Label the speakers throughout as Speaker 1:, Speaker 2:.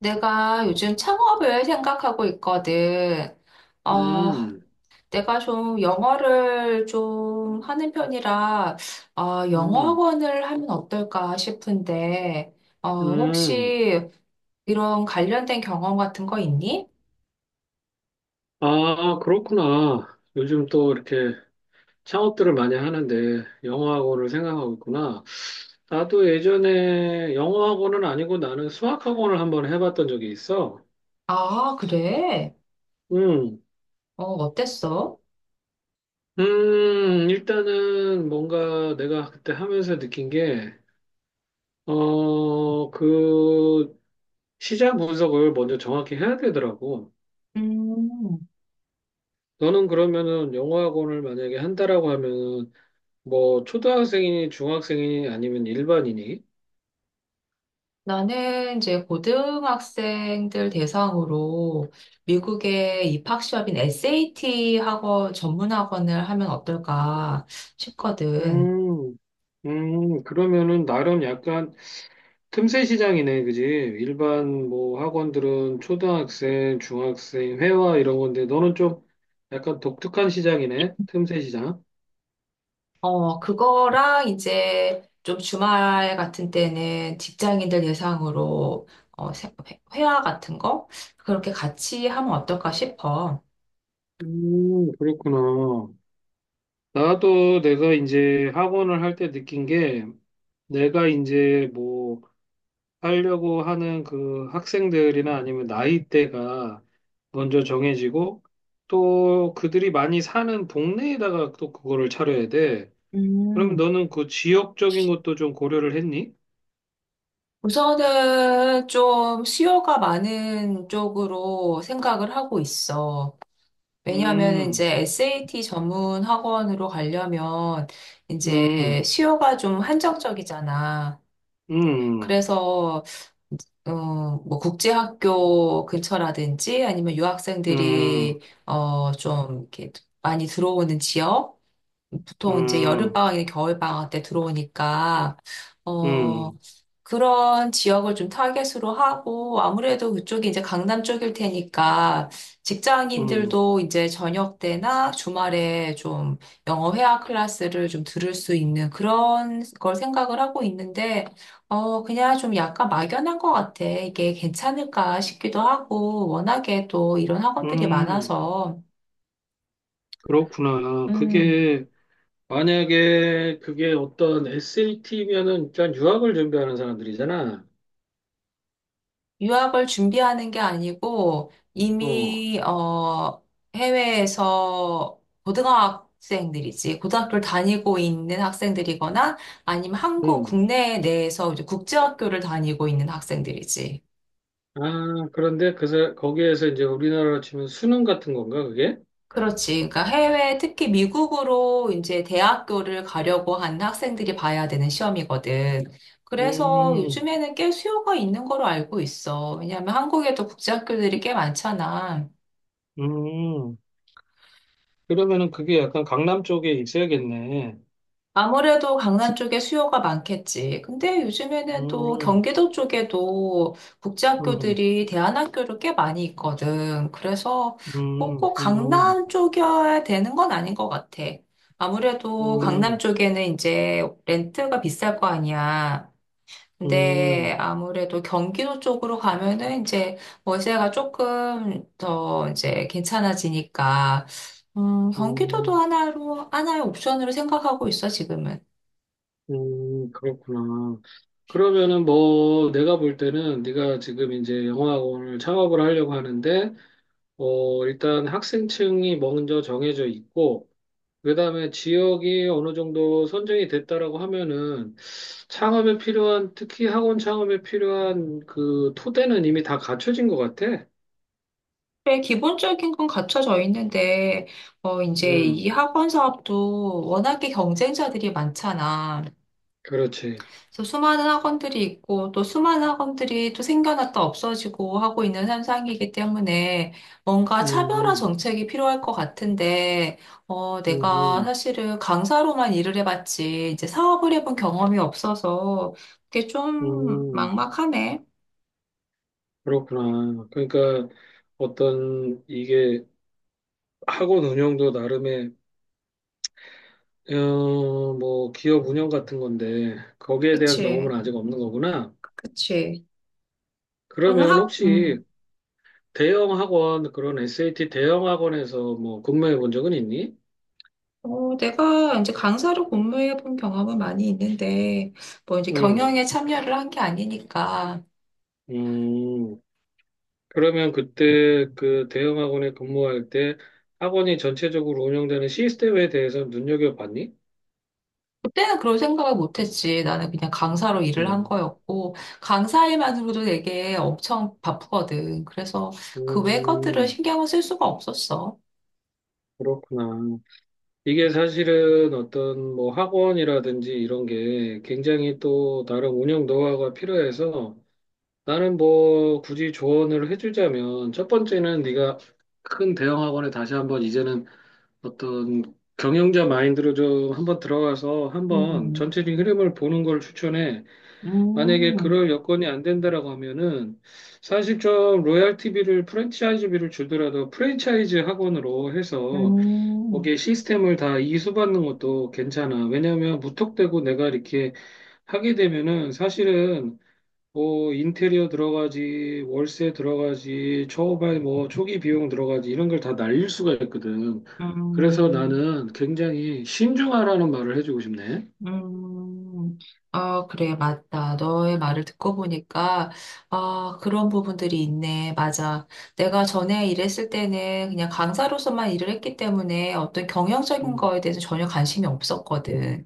Speaker 1: 내가 요즘 창업을 생각하고 있거든. 어,
Speaker 2: 음,
Speaker 1: 내가 좀 영어를 좀 하는 편이라, 영어
Speaker 2: 음,
Speaker 1: 학원을 하면 어떨까 싶은데, 어,
Speaker 2: 음.
Speaker 1: 혹시 이런 관련된 경험 같은 거 있니?
Speaker 2: 아, 그렇구나. 요즘 또 이렇게 창업들을 많이 하는데 영어학원을 생각하고 있구나. 나도 예전에 영어학원은 아니고 나는 수학학원을 한번 해봤던 적이 있어.
Speaker 1: 아, 그래?
Speaker 2: 음,
Speaker 1: 어땠어?
Speaker 2: 일단은 뭔가 내가 그때 하면서 느낀 게, 그 시장 분석을 먼저 정확히 해야 되더라고.
Speaker 1: 음.
Speaker 2: 너는 그러면은 영어학원을 만약에 한다라고 하면은 뭐 초등학생이니 중학생이니 아니면 일반인이?
Speaker 1: 나는 이제 고등학생들 대상으로 미국의 입학 시험인 SAT 학원 전문 학원을 하면 어떨까 싶거든.
Speaker 2: 음, 그러면은 나름 약간 틈새 시장이네, 그지? 일반 뭐 학원들은 초등학생, 중학생, 회화 이런 건데 너는 좀 약간 독특한 시장이네, 틈새 시장.
Speaker 1: 그거랑 이제 좀 주말 같은 때는 직장인들 대상으로 회화 같은 거 그렇게 같이 하면 어떨까 싶어.
Speaker 2: 그렇구나. 나도 내가 이제 학원을 할 때 느낀 게 내가 이제 뭐 하려고 하는 그 학생들이나 아니면 나이대가 먼저 정해지고 또 그들이 많이 사는 동네에다가 또 그거를 차려야 돼. 그럼
Speaker 1: 음,
Speaker 2: 너는 그 지역적인 것도 좀 고려를 했니?
Speaker 1: 우선은 좀 수요가 많은 쪽으로 생각을 하고 있어. 왜냐하면
Speaker 2: 음,
Speaker 1: 이제 SAT 전문 학원으로 가려면 이제
Speaker 2: 음,
Speaker 1: 수요가 좀 한정적이잖아.
Speaker 2: 음,
Speaker 1: 그래서 어, 뭐 국제학교 근처라든지 아니면
Speaker 2: 음,
Speaker 1: 유학생들이 좀 이렇게 많이 들어오는 지역 보통 이제
Speaker 2: 음,
Speaker 1: 여름방학이나 겨울방학 때 들어오니까, 어,
Speaker 2: 음,
Speaker 1: 그런 지역을 좀 타겟으로 하고, 아무래도 그쪽이 이제 강남 쪽일 테니까,
Speaker 2: 음,
Speaker 1: 직장인들도 이제 저녁 때나 주말에 좀 영어 회화 클래스를 좀 들을 수 있는 그런 걸 생각을 하고 있는데, 그냥 좀 약간 막연한 것 같아. 이게 괜찮을까 싶기도 하고, 워낙에 또 이런 학원들이
Speaker 2: 음.
Speaker 1: 많아서,
Speaker 2: 그렇구나.
Speaker 1: 음.
Speaker 2: 그게 만약에 그게 어떤 SAT면은 일단 유학을 준비하는 사람들이잖아.
Speaker 1: 유학을 준비하는 게 아니고
Speaker 2: 어,
Speaker 1: 이미 해외에서 고등학생들이지 고등학교를 다니고 있는 학생들이거나 아니면 한국
Speaker 2: 음.
Speaker 1: 국내 내에서 이제 국제학교를 다니고 있는 학생들이지.
Speaker 2: 아, 그런데 거기에서 이제 우리나라로 치면 수능 같은 건가 그게?
Speaker 1: 그렇지. 그러니까 해외 특히 미국으로 이제 대학교를 가려고 하는 학생들이 봐야 되는 시험이거든. 그래서
Speaker 2: 음,
Speaker 1: 요즘에는 꽤 수요가 있는 걸로 알고 있어. 왜냐하면 한국에도 국제학교들이 꽤 많잖아.
Speaker 2: 음, 그러면은 그게 약간 강남 쪽에 있어야겠네.
Speaker 1: 아무래도 강남 쪽에 수요가 많겠지. 근데 요즘에는 또
Speaker 2: 음,
Speaker 1: 경기도 쪽에도
Speaker 2: 음, 음,
Speaker 1: 국제학교들이 대안학교로 꽤 많이 있거든. 그래서
Speaker 2: 음,
Speaker 1: 뭐꼭 강남 쪽이어야 되는 건 아닌 것 같아. 아무래도 강남
Speaker 2: 음,
Speaker 1: 쪽에는 이제 렌트가 비쌀 거 아니야.
Speaker 2: 음,
Speaker 1: 근데 아무래도 경기도 쪽으로 가면은 이제 월세가 조금 더 이제 괜찮아지니까, 경기도도
Speaker 2: 음,
Speaker 1: 하나의 옵션으로 생각하고 있어, 지금은.
Speaker 2: 그렇구나. 그러면은 뭐 내가 볼 때는 네가 지금 이제 영어학원을 창업을 하려고 하는데, 일단 학생층이 먼저 정해져 있고, 그다음에 지역이 어느 정도 선정이 됐다라고 하면은 창업에 필요한 특히 학원 창업에 필요한 그 토대는 이미 다 갖춰진 것 같아.
Speaker 1: 네, 기본적인 건 갖춰져 있는데, 이제
Speaker 2: 음,
Speaker 1: 이 학원 사업도 워낙에 경쟁자들이 많잖아.
Speaker 2: 그렇지.
Speaker 1: 그래서 수많은 학원들이 있고, 또 수많은 학원들이 또 생겨났다 없어지고 하고 있는 현상이기 때문에 뭔가 차별화
Speaker 2: 음,
Speaker 1: 정책이 필요할 것 같은데,
Speaker 2: 음,
Speaker 1: 내가
Speaker 2: 음,
Speaker 1: 사실은 강사로만 일을 해봤지, 이제 사업을 해본 경험이 없어서 그게
Speaker 2: 음,
Speaker 1: 좀
Speaker 2: 음.
Speaker 1: 막막하네.
Speaker 2: 그렇구나. 그러니까 어떤 이게 학원 운영도 나름의 뭐 기업 운영 같은 건데 거기에 대한 경험은
Speaker 1: 그치,
Speaker 2: 아직 없는 거구나.
Speaker 1: 그치. 또는
Speaker 2: 그러면
Speaker 1: 학,
Speaker 2: 혹시
Speaker 1: 음.
Speaker 2: 대형 학원, 그런 SAT 대형 학원에서 뭐 근무해 본 적은 있니?
Speaker 1: 어, 내가 이제 강사로 근무해 본 경험은 많이 있는데, 뭐 이제
Speaker 2: 음,
Speaker 1: 경영에 참여를 한 게 아니니까,
Speaker 2: 음. 그러면 그때 그 대형 학원에 근무할 때 학원이 전체적으로 운영되는 시스템에 대해서 눈여겨봤니?
Speaker 1: 그때는 그런 생각을 못 했지. 나는 그냥 강사로 일을 한
Speaker 2: 음,
Speaker 1: 거였고, 강사 일만으로도 되게 엄청 바쁘거든. 그래서 그 외 것들을
Speaker 2: 음,
Speaker 1: 신경을 쓸 수가 없었어.
Speaker 2: 그렇구나. 이게 사실은 어떤 뭐 학원이라든지 이런 게 굉장히 또 다른 운영 노하우가 필요해서 나는 뭐 굳이 조언을 해주자면 첫 번째는 네가 큰 대형 학원에 다시 한번 이제는 어떤 경영자 마인드로 좀 한번 들어가서 한번 전체적인 흐름을 보는 걸 추천해. 만약에
Speaker 1: 음,
Speaker 2: 그럴 여건이 안 된다라고 하면은 사실 좀 로얄티비를 프랜차이즈비를 주더라도 프랜차이즈 학원으로 해서
Speaker 1: 음.
Speaker 2: 거기에 시스템을 다 이수받는 것도 괜찮아. 왜냐하면 무턱대고 내가 이렇게 하게 되면은 사실은 뭐 인테리어 들어가지, 월세 들어가지, 초반 뭐 초기 비용 들어가지 이런 걸 다 날릴 수가 있거든. 그래서
Speaker 1: 음.
Speaker 2: 나는 굉장히 신중하라는 말을 해주고 싶네.
Speaker 1: 음, 그래, 맞다. 너의 말을 듣고 보니까, 아, 그런 부분들이 있네. 맞아. 내가 전에 일했을 때는 그냥 강사로서만 일을 했기 때문에 어떤 경영적인
Speaker 2: 음,
Speaker 1: 거에 대해서 전혀 관심이 없었거든.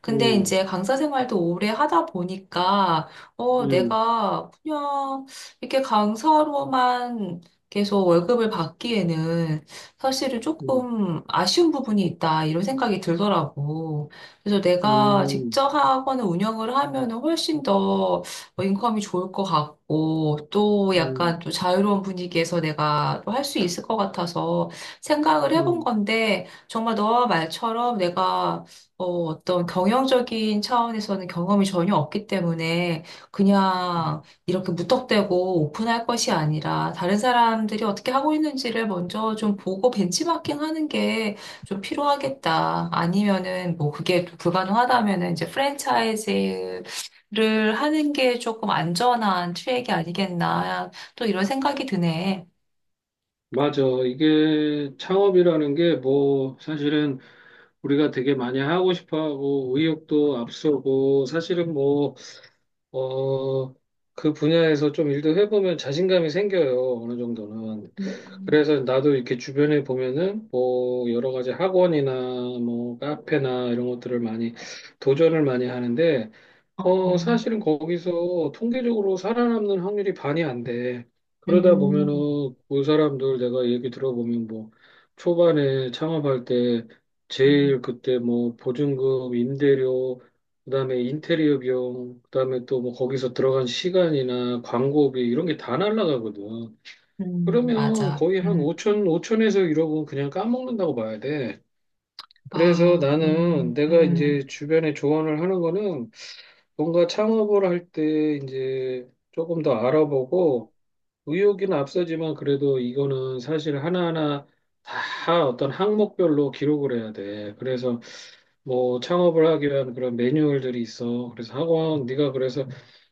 Speaker 1: 근데
Speaker 2: 음,
Speaker 1: 이제 강사 생활도 오래 하다 보니까,
Speaker 2: 음,
Speaker 1: 내가 그냥 이렇게 강사로만 계속 월급을 받기에는 사실은
Speaker 2: 음,
Speaker 1: 조금 아쉬운 부분이 있다. 이런 생각이 들더라고. 그래서 내가
Speaker 2: 음,
Speaker 1: 직접 하거나 운영을 하면은 훨씬 더 뭐 인컴이 좋을 것 같고 또
Speaker 2: 음,
Speaker 1: 약간 또 자유로운 분위기에서 내가 또 할 수 있을 것 같아서 생각을 해본
Speaker 2: 음.
Speaker 1: 건데 정말 너와 말처럼 내가 어떤 경영적인 차원에서는 경험이 전혀 없기 때문에 그냥
Speaker 2: 음.
Speaker 1: 이렇게 무턱대고 오픈할 것이 아니라 다른 사람들이 어떻게 하고 있는지를 먼저 좀 보고 벤치마킹 하는 게 좀 필요하겠다. 아니면은 뭐 그게 또 불가능하다면은 이제 프랜차이즈를 하는 게 조금 안전한 트랙이 아니겠나. 또 이런 생각이 드네.
Speaker 2: 맞아. 이게 창업이라는 게 뭐 사실은 우리가 되게 많이 하고 싶어 하고 의욕도 앞서고 사실은 뭐, 어, 그 분야에서 좀 일도 해보면 자신감이 생겨요. 어느 정도는.
Speaker 1: 음.
Speaker 2: 그래서 나도 이렇게 주변에 보면은 뭐 여러 가지 학원이나 뭐 카페나 이런 것들을 많이 도전을 많이 하는데
Speaker 1: 어,
Speaker 2: 사실은 거기서 통계적으로 살아남는 확률이 반이 안 돼. 그러다 보면은
Speaker 1: 음,
Speaker 2: 그 사람들 내가 얘기 들어보면 뭐 초반에 창업할 때
Speaker 1: 음,
Speaker 2: 제일 그때 뭐 보증금, 임대료, 그다음에 인테리어 비용, 그다음에 또 뭐 거기서 들어간 시간이나 광고비 이런 게 다 날라가거든. 그러면
Speaker 1: 맞아.
Speaker 2: 거의 한 5천, 5천에서 1억은 그냥 까먹는다고 봐야 돼. 그래서
Speaker 1: 아,
Speaker 2: 나는
Speaker 1: 음,
Speaker 2: 내가
Speaker 1: 음,
Speaker 2: 이제 주변에 조언을 하는 거는 뭔가 창업을 할 때 이제 조금 더 알아보고 의욕은 앞서지만 그래도 이거는 사실 하나하나 다 어떤 항목별로 기록을 해야 돼. 그래서 뭐 창업을 하기 위한 그런 매뉴얼들이 있어. 그래서 학원, 네가 그래서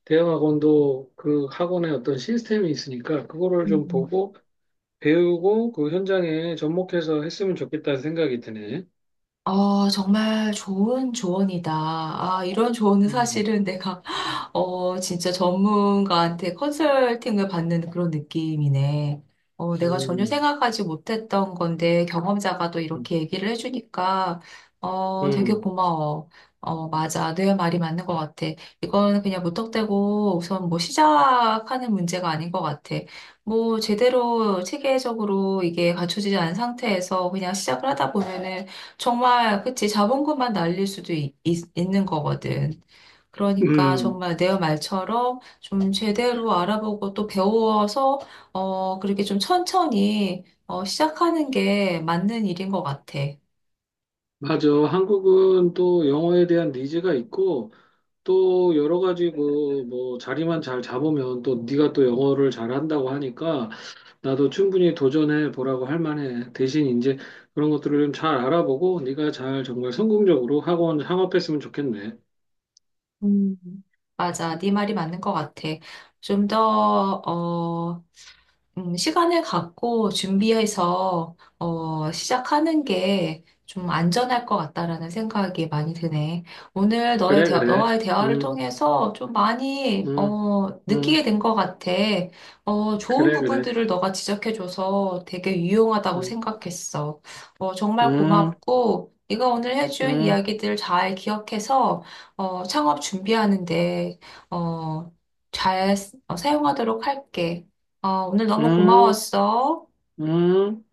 Speaker 2: 대형 학원도 그 학원에 어떤 시스템이 있으니까 그거를 좀
Speaker 1: 음.
Speaker 2: 보고 배우고 그 현장에 접목해서 했으면 좋겠다는 생각이 드네.
Speaker 1: 정말 좋은 조언이다. 아, 이런 조언은
Speaker 2: 음,
Speaker 1: 사실은 내가 진짜 전문가한테 컨설팅을 받는 그런 느낌이네. 어, 내가 전혀
Speaker 2: 음,
Speaker 1: 생각하지 못했던 건데 경험자가 또
Speaker 2: 음,
Speaker 1: 이렇게 얘기를 해주니까 되게
Speaker 2: 음,
Speaker 1: 고마워. 어, 맞아. 네 말이 맞는 것 같아. 이건 그냥 무턱대고 우선 뭐 시작하는 문제가 아닌 것 같아. 뭐 제대로 체계적으로 이게 갖춰지지 않은 상태에서 그냥 시작을 하다 보면은 정말, 그치, 자본금만 날릴 수도 있는 거거든. 그러니까
Speaker 2: 음,
Speaker 1: 정말 내 말처럼 좀 제대로 알아보고 또 배워서 그렇게 좀 천천히 시작하는 게 맞는 일인 것 같아.
Speaker 2: 맞아. 한국은 또 영어에 대한 니즈가 있고 또 여러 가지 그뭐 자리만 잘 잡으면 또 네가 또 영어를 잘한다고 하니까 나도 충분히 도전해 보라고 할 만해. 대신 이제 그런 것들을 좀 잘 알아보고 네가 잘 정말 성공적으로 학원 창업했으면 좋겠네.
Speaker 1: 음. 맞아, 네 말이 맞는 것 같아. 좀더어 시간을 갖고 준비해서 시작하는 게 좀 안전할 것 같다라는 생각이 많이 드네. 오늘
Speaker 2: 그래, 그래.
Speaker 1: 너와의 대화를
Speaker 2: 음,
Speaker 1: 통해서 좀 많이
Speaker 2: 음,
Speaker 1: 느끼게
Speaker 2: 음,
Speaker 1: 된 것 같아. 좋은
Speaker 2: 그래, 그래.
Speaker 1: 부분들을 너가 지적해줘서 되게 유용하다고
Speaker 2: 음,
Speaker 1: 생각했어. 정말
Speaker 2: 음.
Speaker 1: 고맙고 네가 오늘 해준
Speaker 2: 음,
Speaker 1: 이야기들 잘 기억해서 어, 창업 준비하는데 어, 사용하도록 할게. 어, 오늘 너무
Speaker 2: 음,
Speaker 1: 고마웠어.
Speaker 2: 음.